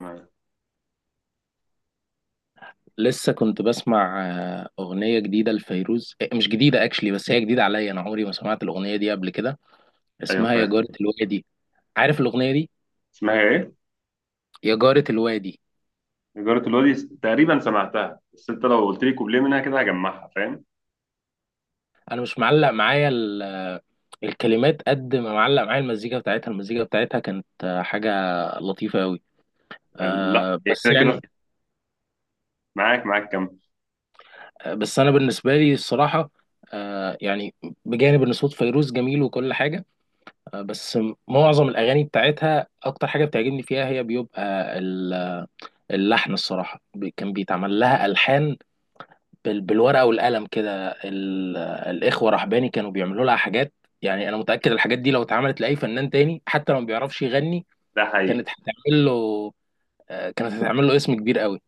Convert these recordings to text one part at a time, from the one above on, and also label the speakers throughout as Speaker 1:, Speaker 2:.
Speaker 1: معايا.
Speaker 2: لسه كنت بسمع أغنية جديدة لفيروز، إيه، مش جديدة اكشلي بس هي جديدة عليا. أنا عمري ما سمعت الأغنية دي قبل كده،
Speaker 1: ايوه
Speaker 2: اسمها يا
Speaker 1: فاهم.
Speaker 2: جارة الوادي. عارف الأغنية دي؟
Speaker 1: اسمها ايه؟
Speaker 2: يا جارة الوادي.
Speaker 1: إدارة الوادي تقريبا سمعتها، بس انت لو قلت لي كوبليه منها كده هجمعها، فاهم؟
Speaker 2: أنا مش معلق معايا الكلمات قد ما معلق معايا المزيكا بتاعتها. المزيكا بتاعتها كانت حاجة لطيفة أوي.
Speaker 1: لا هي
Speaker 2: بس
Speaker 1: كده كده.
Speaker 2: يعني.
Speaker 1: معاك معاك كم؟
Speaker 2: بس أنا بالنسبة لي الصراحة، يعني بجانب ان صوت فيروز جميل وكل حاجه، بس معظم الاغاني بتاعتها اكتر حاجه بتعجبني فيها هي بيبقى اللحن الصراحة. كان بيتعمل لها ألحان بالورقة والقلم كده. الإخوة رحباني كانوا بيعملوا لها حاجات. يعني أنا متأكد الحاجات دي لو اتعملت لأي فنان تاني، حتى لو ما بيعرفش يغني
Speaker 1: ده حقيقي.
Speaker 2: كانت هتعمل له، كانت هتعمل له اسم كبير قوي.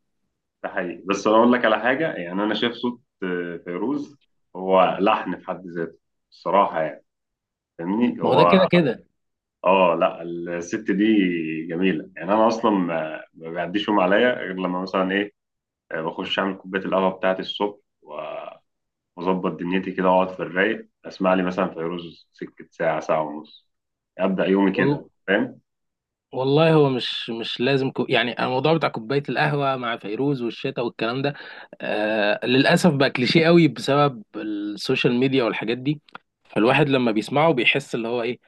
Speaker 1: ده حقيقي، بس انا اقول لك على حاجه، يعني انا شايف صوت فيروز هو لحن في حد ذاته، الصراحه يعني. فاهمني؟
Speaker 2: ما هو ده كده
Speaker 1: هو
Speaker 2: كده.
Speaker 1: اه لا، الست دي جميله يعني. انا اصلا ما بيعديش يوم عليا غير لما مثلا ايه، بخش اعمل كوبايه القهوه بتاعتي الصبح واظبط دنيتي كده واقعد في الرايق، اسمع لي مثلا فيروز سكه، ساعه ساعه ونص ابدا يومي كده،
Speaker 2: وال-
Speaker 1: فاهم؟
Speaker 2: والله هو مش لازم يعني الموضوع بتاع كوباية القهوة مع فيروز والشتا والكلام ده. للأسف بقى كليشيه قوي بسبب السوشيال ميديا والحاجات دي. فالواحد لما بيسمعه بيحس اللي هو ايه،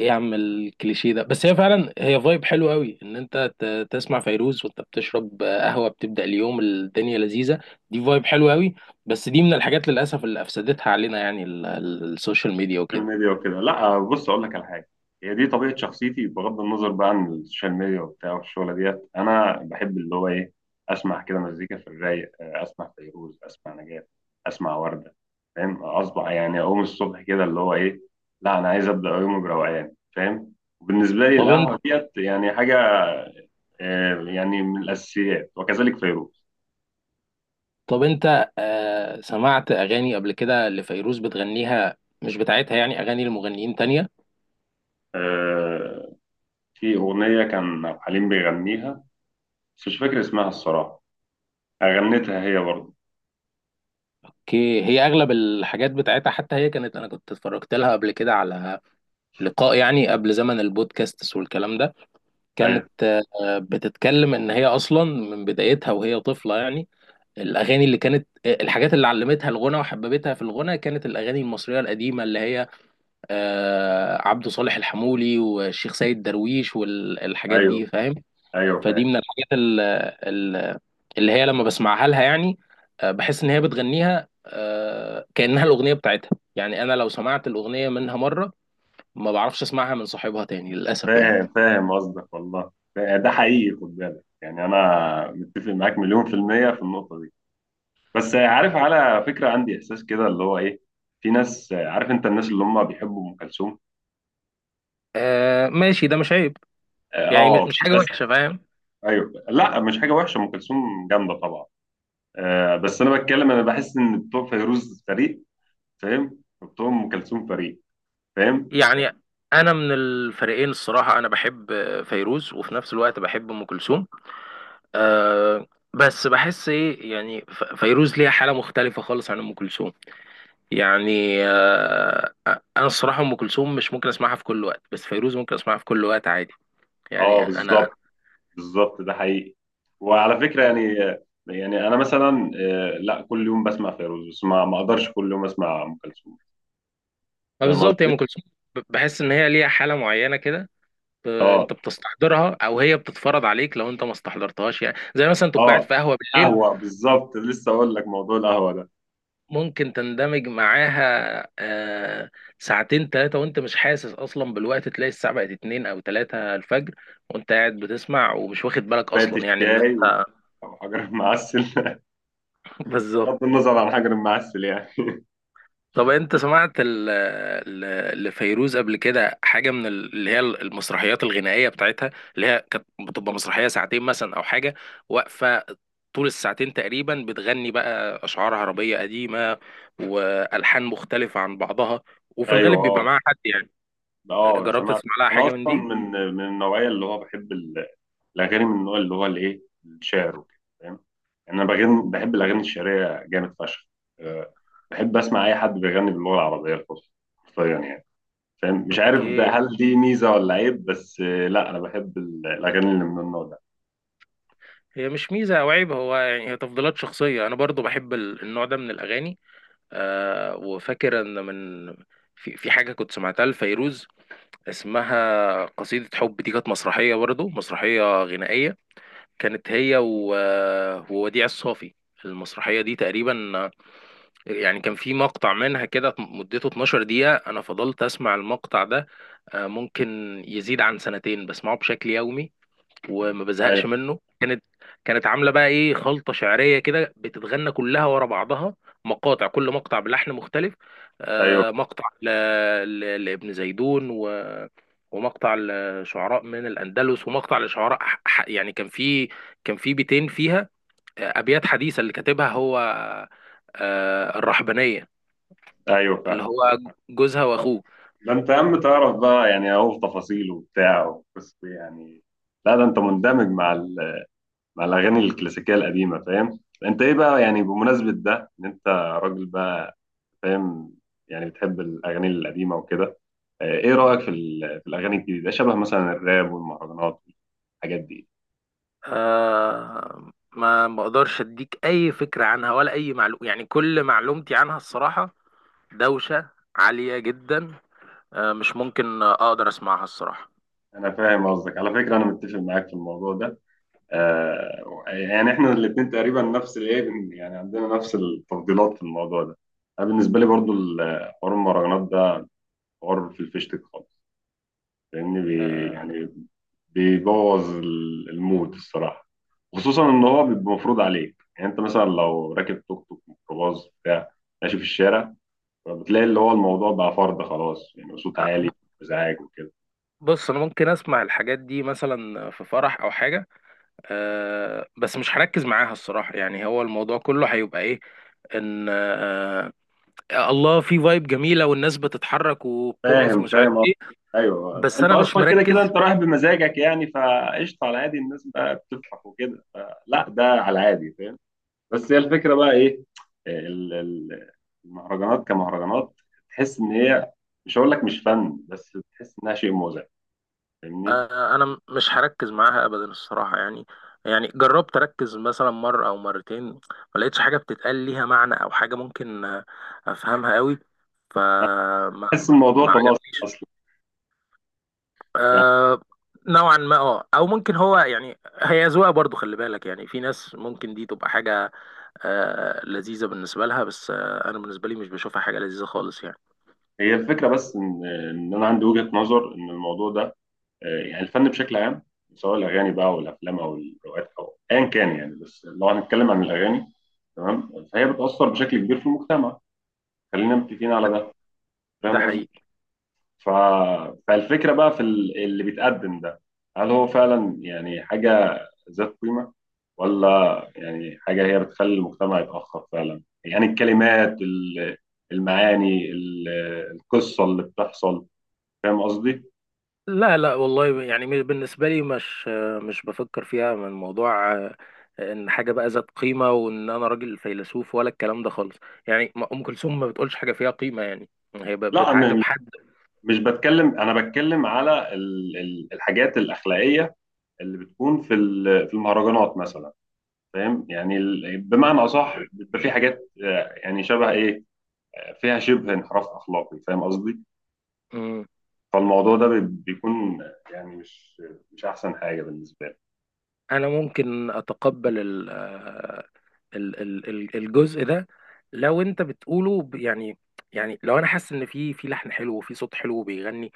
Speaker 2: ايه يا عم الكليشيه ده، بس هي فعلا هي فايب حلو قوي ان انت تسمع فيروز وانت بتشرب قهوه بتبدا اليوم، الدنيا لذيذه. دي فايب حلو قوي. بس دي من الحاجات للاسف اللي افسدتها علينا يعني السوشيال ميديا وكده.
Speaker 1: السوشيال ميديا وكده. لا بص، اقول لك على حاجه، هي دي طبيعه شخصيتي بغض النظر بقى عن السوشيال ميديا وبتاع والشغله ديت. انا بحب اللي هو ايه، اسمع كده مزيكا في الرايق، اسمع فيروز، اسمع نجاة، اسمع ورده، فاهم؟ اصبح يعني اقوم الصبح كده اللي هو ايه، لا انا عايز ابدا يومي بروقان، فاهم؟ وبالنسبه لي
Speaker 2: طب انت
Speaker 1: القهوه ديت يعني حاجه يعني من الاساسيات، وكذلك فيروز.
Speaker 2: طب انت سمعت اغاني قبل كده لفيروز بتغنيها مش بتاعتها، يعني اغاني لمغنيين تانية؟
Speaker 1: آه، في أغنية كان عبد الحليم بيغنيها، بس مش فاكر اسمها الصراحة، غنتها هي برضه.
Speaker 2: هي اغلب الحاجات بتاعتها، حتى هي كانت، انا كنت اتفرجت لها قبل كده على لقاء يعني قبل زمن البودكاست والكلام ده. كانت
Speaker 1: أيوه.
Speaker 2: بتتكلم ان هي اصلا من بدايتها وهي طفله يعني الاغاني اللي كانت، الحاجات اللي علمتها الغنى وحببتها في الغنى كانت الاغاني المصريه القديمه، اللي هي عبد صالح الحمولي والشيخ سيد درويش والحاجات
Speaker 1: أيوه.
Speaker 2: دي، فاهم.
Speaker 1: أيوه
Speaker 2: فدي
Speaker 1: فاهم.
Speaker 2: من الحاجات ال- اللي هي لما بسمعها لها يعني، بحس ان هي بتغنيها، كانها الاغنيه بتاعتها. يعني انا لو سمعت الاغنيه منها مره، ما بعرفش اسمعها من صاحبها تاني للاسف يعني.
Speaker 1: فاهم فاهم قصدك، والله ده ده حقيقي، خد بالك، يعني أنا متفق معاك مليون في المية في النقطة دي. بس عارف، على فكرة عندي إحساس كده اللي هو إيه، في ناس عارف أنت الناس اللي هم بيحبوا أم كلثوم.
Speaker 2: آه ماشي، ده مش عيب،
Speaker 1: آه،
Speaker 2: يعني مش مش حاجة
Speaker 1: بس
Speaker 2: وحشة، فاهم.
Speaker 1: أيوه، لا مش حاجة وحشة، أم كلثوم جامدة طبعا. آه بس أنا بتكلم، أنا بحس إن بتوع فيروز فريق، فاهم؟ بتوع أم كلثوم فريق، فاهم؟
Speaker 2: يعني أنا من الفريقين الصراحة، أنا بحب فيروز وفي نفس الوقت بحب أم كلثوم. أه، بس بحس إيه يعني فيروز ليها حالة مختلفة خالص عن أم كلثوم. يعني أه أنا الصراحة أم كلثوم مش ممكن أسمعها في كل وقت، بس فيروز ممكن أسمعها في كل وقت عادي. يعني
Speaker 1: اه
Speaker 2: أنا
Speaker 1: بالظبط. بالظبط، ده حقيقي. وعلى فكره يعني،
Speaker 2: أنا
Speaker 1: يعني انا مثلا لا كل يوم بسمع فيروز، بس ما اقدرش كل يوم اسمع ام كلثوم.
Speaker 2: ما
Speaker 1: فاهم
Speaker 2: بالظبط هي
Speaker 1: قصدي؟
Speaker 2: أم كلثوم، بحس إن هي ليها حالة معينة كده.
Speaker 1: اه
Speaker 2: انت بتستحضرها او هي بتتفرض عليك لو انت ما استحضرتهاش، يعني زي مثلا تبقى قاعد
Speaker 1: اه.
Speaker 2: في قهوه بالليل
Speaker 1: قهوه بالظبط، لسه اقول لك موضوع القهوه ده،
Speaker 2: ممكن تندمج معاها آه، ساعتين ثلاثة وانت مش حاسس اصلا بالوقت. تلاقي الساعة بقت اتنين او تلاتة الفجر، وانت قاعد بتسمع ومش واخد بالك
Speaker 1: كوبايه
Speaker 2: اصلا يعني ان.
Speaker 1: الشاي و- وحجر المعسل
Speaker 2: بالظبط.
Speaker 1: بغض النظر عن حجر المعسل يعني.
Speaker 2: طب انت سمعت لفيروز قبل كده حاجة من اللي هي المسرحيات الغنائية بتاعتها، اللي هي كانت بتبقى مسرحية ساعتين مثلا او حاجة، واقفة طول الساعتين تقريبا بتغني بقى اشعار عربية قديمة والحان مختلفة عن بعضها، وفي الغالب
Speaker 1: ايوه
Speaker 2: بيبقى
Speaker 1: اه.
Speaker 2: معاها حد، يعني
Speaker 1: اه
Speaker 2: جربت
Speaker 1: سمعت.
Speaker 2: تسمع لها
Speaker 1: انا
Speaker 2: حاجة من
Speaker 1: اصلا
Speaker 2: دي؟
Speaker 1: من النوعيه اللي هو بحب الاغاني من النوع اللي هو الايه، الشعر وكده، فاهم؟ يعني انا بغني، بحب الاغاني الشعريه جامد فشخ. أه، بحب اسمع اي حد بيغني باللغه العربيه الفصحى، حرفيا يعني. فاهم؟ مش عارف
Speaker 2: اوكي،
Speaker 1: ده هل دي ميزه ولا عيب، بس لا انا بحب الاغاني اللي من النوع ده.
Speaker 2: هي مش ميزة او عيب، هو يعني هي تفضيلات شخصية، انا برضو بحب النوع ده من الاغاني. وفاكر ان من، في حاجة كنت سمعتها لفيروز اسمها قصيدة حب. دي كانت مسرحية برضو، مسرحية غنائية. كانت هي ووديع الصافي. المسرحية دي تقريبا، يعني كان في مقطع منها كده مدته 12 دقيقة. أنا فضلت أسمع المقطع ده، ممكن يزيد عن سنتين بسمعه بشكل يومي، وما بزهقش
Speaker 1: ايوه.
Speaker 2: منه. كانت، كانت عامله بقى ايه خلطه شعريه كده بتتغنى كلها ورا بعضها، مقاطع كل مقطع بلحن مختلف.
Speaker 1: ايوه.
Speaker 2: مقطع لابن زيدون، ومقطع لشعراء من الاندلس، ومقطع لشعراء يعني كان في بيتين فيها ابيات حديثه اللي كاتبها هو الرحبانيه،
Speaker 1: ايوه فاهم.
Speaker 2: اللي هو جوزها واخوه.
Speaker 1: ده انت يا عم تعرف بقى، يعني اهو في تفاصيل وبتاع، بس يعني لا ده انت مندمج مع مع الاغاني الكلاسيكيه القديمه، فاهم؟ انت ايه بقى، يعني بمناسبه ده ان انت راجل بقى، فاهم؟ يعني بتحب الأغاني القديمة وكده، إيه رأيك في في الأغاني الجديدة شبه مثلا الراب والمهرجانات والحاجات دي؟
Speaker 2: ما بقدرش اديك اي فكرة عنها ولا اي معلومة، يعني كل معلومتي عنها الصراحة دوشة عالية جدا. مش ممكن اقدر اسمعها الصراحة.
Speaker 1: أنا فاهم قصدك، على فكرة أنا متفق معاك في الموضوع ده. يعني إحنا الاتنين تقريبا نفس الإيه يعني عندنا نفس التفضيلات في الموضوع ده. أنا بالنسبة لي برضو حوار المهرجانات ده حوار في الفيشتك خالص، لان بي
Speaker 2: آه
Speaker 1: يعني بيبوظ المود الصراحه، خصوصا ان هو بيبقى مفروض عليك، يعني انت مثلا لو راكب توك توك، ميكروباص، بتاع، ماشي في الشارع، فبتلاقي اللي هو الموضوع بقى فرض خلاص، يعني صوت عالي، ازعاج وكده.
Speaker 2: بص انا ممكن اسمع الحاجات دي مثلا في فرح او حاجة، بس مش هركز معاها الصراحة. يعني هو الموضوع كله هيبقى ايه، ان الله في فايب جميلة والناس بتتحرك وبترقص
Speaker 1: فاهم
Speaker 2: ومش عارف
Speaker 1: فاهم أه.
Speaker 2: ايه.
Speaker 1: ايوه
Speaker 2: بس
Speaker 1: انت
Speaker 2: انا مش
Speaker 1: اصلا كده كده
Speaker 2: مركز.
Speaker 1: انت رايح بمزاجك، يعني فقشطه على عادي، الناس بقى بتفرح وكده، فلا ده على عادي. بس هي الفكره بقى ايه، آه، ال- ال- المهرجانات كمهرجانات، تحس ان هي، مش هقول لك مش فن، بس تحس انها شيء مزعج. فاهمني؟
Speaker 2: انا مش هركز معاها ابدا الصراحه يعني جربت اركز مثلا مره او مرتين، ما لقيتش حاجه بتتقال ليها معنى او حاجه ممكن افهمها قوي.
Speaker 1: أنا
Speaker 2: فما
Speaker 1: بحس الموضوع
Speaker 2: ما
Speaker 1: طلع
Speaker 2: عجبنيش.
Speaker 1: اصلا يعني،
Speaker 2: آه، نوعا ما، او ممكن هو يعني هي ذوقها برضو، خلي بالك يعني في ناس ممكن دي تبقى حاجه لذيذه بالنسبه لها. بس انا بالنسبه لي مش بشوفها حاجه لذيذه خالص يعني.
Speaker 1: هي الفكره بس ان انا عندي وجهه نظر ان الموضوع ده يعني الفن بشكل عام، سواء الاغاني بقى والافلام او الروايات او ايا كان، يعني بس لو هنتكلم عن الاغاني، تمام، فهي بتاثر بشكل كبير في المجتمع، خلينا متفقين على ده.
Speaker 2: ده
Speaker 1: فاهم قصدي؟
Speaker 2: حقيقي.
Speaker 1: ف... فالفكرة بقى في اللي بيتقدم ده، هل هو فعلا يعني حاجة ذات قيمة، ولا يعني حاجة هي بتخلي المجتمع يتأخر فعلا، يعني الكلمات المعاني القصة اللي بتحصل. فاهم قصدي؟
Speaker 2: لا لا والله، يعني بالنسبة لي مش بفكر فيها من موضوع ان حاجة بقى ذات قيمة وان انا راجل فيلسوف ولا الكلام ده خالص. يعني ام كلثوم ما بتقولش حاجة فيها قيمة يعني، هي
Speaker 1: لا
Speaker 2: بتعاتب حد.
Speaker 1: مش بتكلم، أنا بتكلم على الحاجات الأخلاقية اللي بتكون في في المهرجانات مثلا، فاهم؟ يعني بمعنى أصح بيبقى في حاجات يعني شبه إيه، فيها شبه انحراف أخلاقي. فاهم قصدي؟
Speaker 2: مم.
Speaker 1: فالموضوع ده بيكون يعني مش مش احسن حاجه بالنسبه لي.
Speaker 2: انا ممكن اتقبل ال آه، ال ال ال- الجزء ده، لو انت بتقوله يعني. لو انا حاسس ان في لحن حلو وفي صوت حلو بيغني،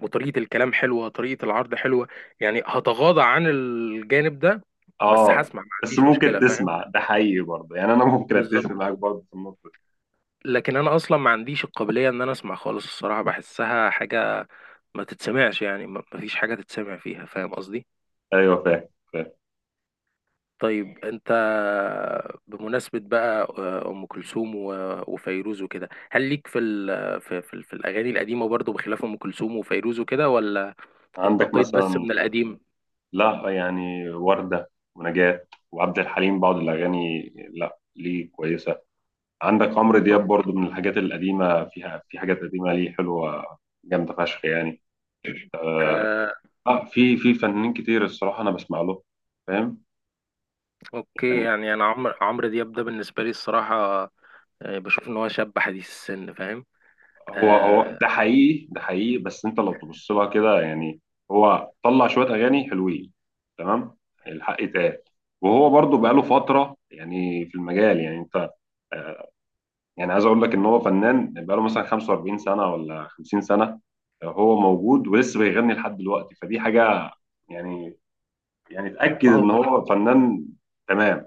Speaker 2: وطريقة الكلام حلوة، طريقة العرض حلوة، يعني هتغاضى عن الجانب ده، بس
Speaker 1: اه
Speaker 2: هسمع ما
Speaker 1: بس
Speaker 2: عنديش
Speaker 1: ممكن
Speaker 2: مشكلة، فاهم.
Speaker 1: تسمع، ده حقيقي برضه، يعني انا ممكن اتفق
Speaker 2: بالظبط.
Speaker 1: معاك برضه في النقطه دي.
Speaker 2: لكن انا اصلا ما عنديش القابلية ان انا اسمع خالص الصراحة، بحسها حاجة ما تتسمعش يعني، ما فيش حاجة تتسمع فيها، فاهم قصدي.
Speaker 1: ايوه فاهم فاهم.
Speaker 2: طيب انت، بمناسبة بقى ام كلثوم وفيروز وكده، هل ليك في في الاغاني القديمة برضو بخلاف ام كلثوم وفيروز وكده، ولا
Speaker 1: عندك
Speaker 2: انتقيت بس
Speaker 1: مثلا،
Speaker 2: من القديم؟
Speaker 1: لا يعني ورده ونجاة وعبد الحليم بعض الاغاني لا ليه كويسه. عندك عمرو دياب برضه من الحاجات القديمه، فيها في حاجات قديمه ليه حلوه، جامده فشخ يعني. اه في في فنانين كتير الصراحه انا بسمع له، فاهم؟
Speaker 2: اوكي
Speaker 1: يعني
Speaker 2: يعني انا عمرو دياب ده بالنسبه لي الصراحه، بشوف ان هو شاب حديث السن، فاهم.
Speaker 1: هو هو ده
Speaker 2: آه
Speaker 1: حقيقي، ده حقيقي، بس انت لو تبص لها كده يعني، هو طلع شويه اغاني حلوين، تمام، الحق يتقال. وهو برضه بقاله فتره يعني في المجال، يعني انت آه، يعني عايز اقول لك ان هو فنان بقاله مثلا 45 سنه ولا 50 سنه، هو موجود ولسه بيغني لحد دلوقتي. فدي حاجه يعني، يعني
Speaker 2: ما
Speaker 1: تاكد ان
Speaker 2: هو
Speaker 1: هو فنان، تمام.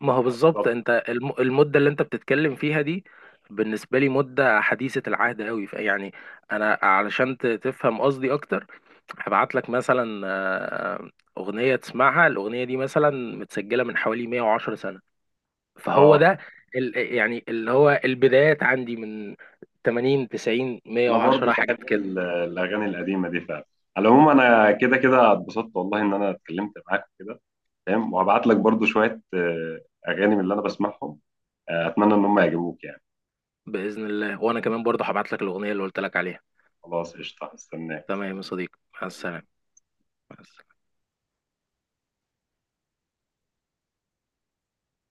Speaker 2: ما هو بالظبط،
Speaker 1: بالظبط.
Speaker 2: انت المده اللي انت بتتكلم فيها دي بالنسبه لي مده حديثه العهد قوي يعني. انا علشان تفهم قصدي اكتر، هبعت لك مثلا اغنيه تسمعها. الاغنيه دي مثلا متسجله من حوالي 110 سنه. فهو
Speaker 1: اه
Speaker 2: ده يعني اللي هو البدايات عندي من 80 90
Speaker 1: انا برضو
Speaker 2: 110 حاجات.
Speaker 1: بحب الاغاني القديمه دي فعلا. على العموم انا كده كده اتبسطت والله ان انا اتكلمت معاك كده، فاهم؟ وهبعت لك برضو شويه اغاني من اللي انا بسمعهم، اتمنى ان هم يعجبوك يعني.
Speaker 2: بإذن الله. وأنا كمان برضه هبعت لك الأغنية اللي قلت لك عليها.
Speaker 1: خلاص قشطه، استناك.
Speaker 2: تمام يا صديقي، مع السلامة. مع السلامة.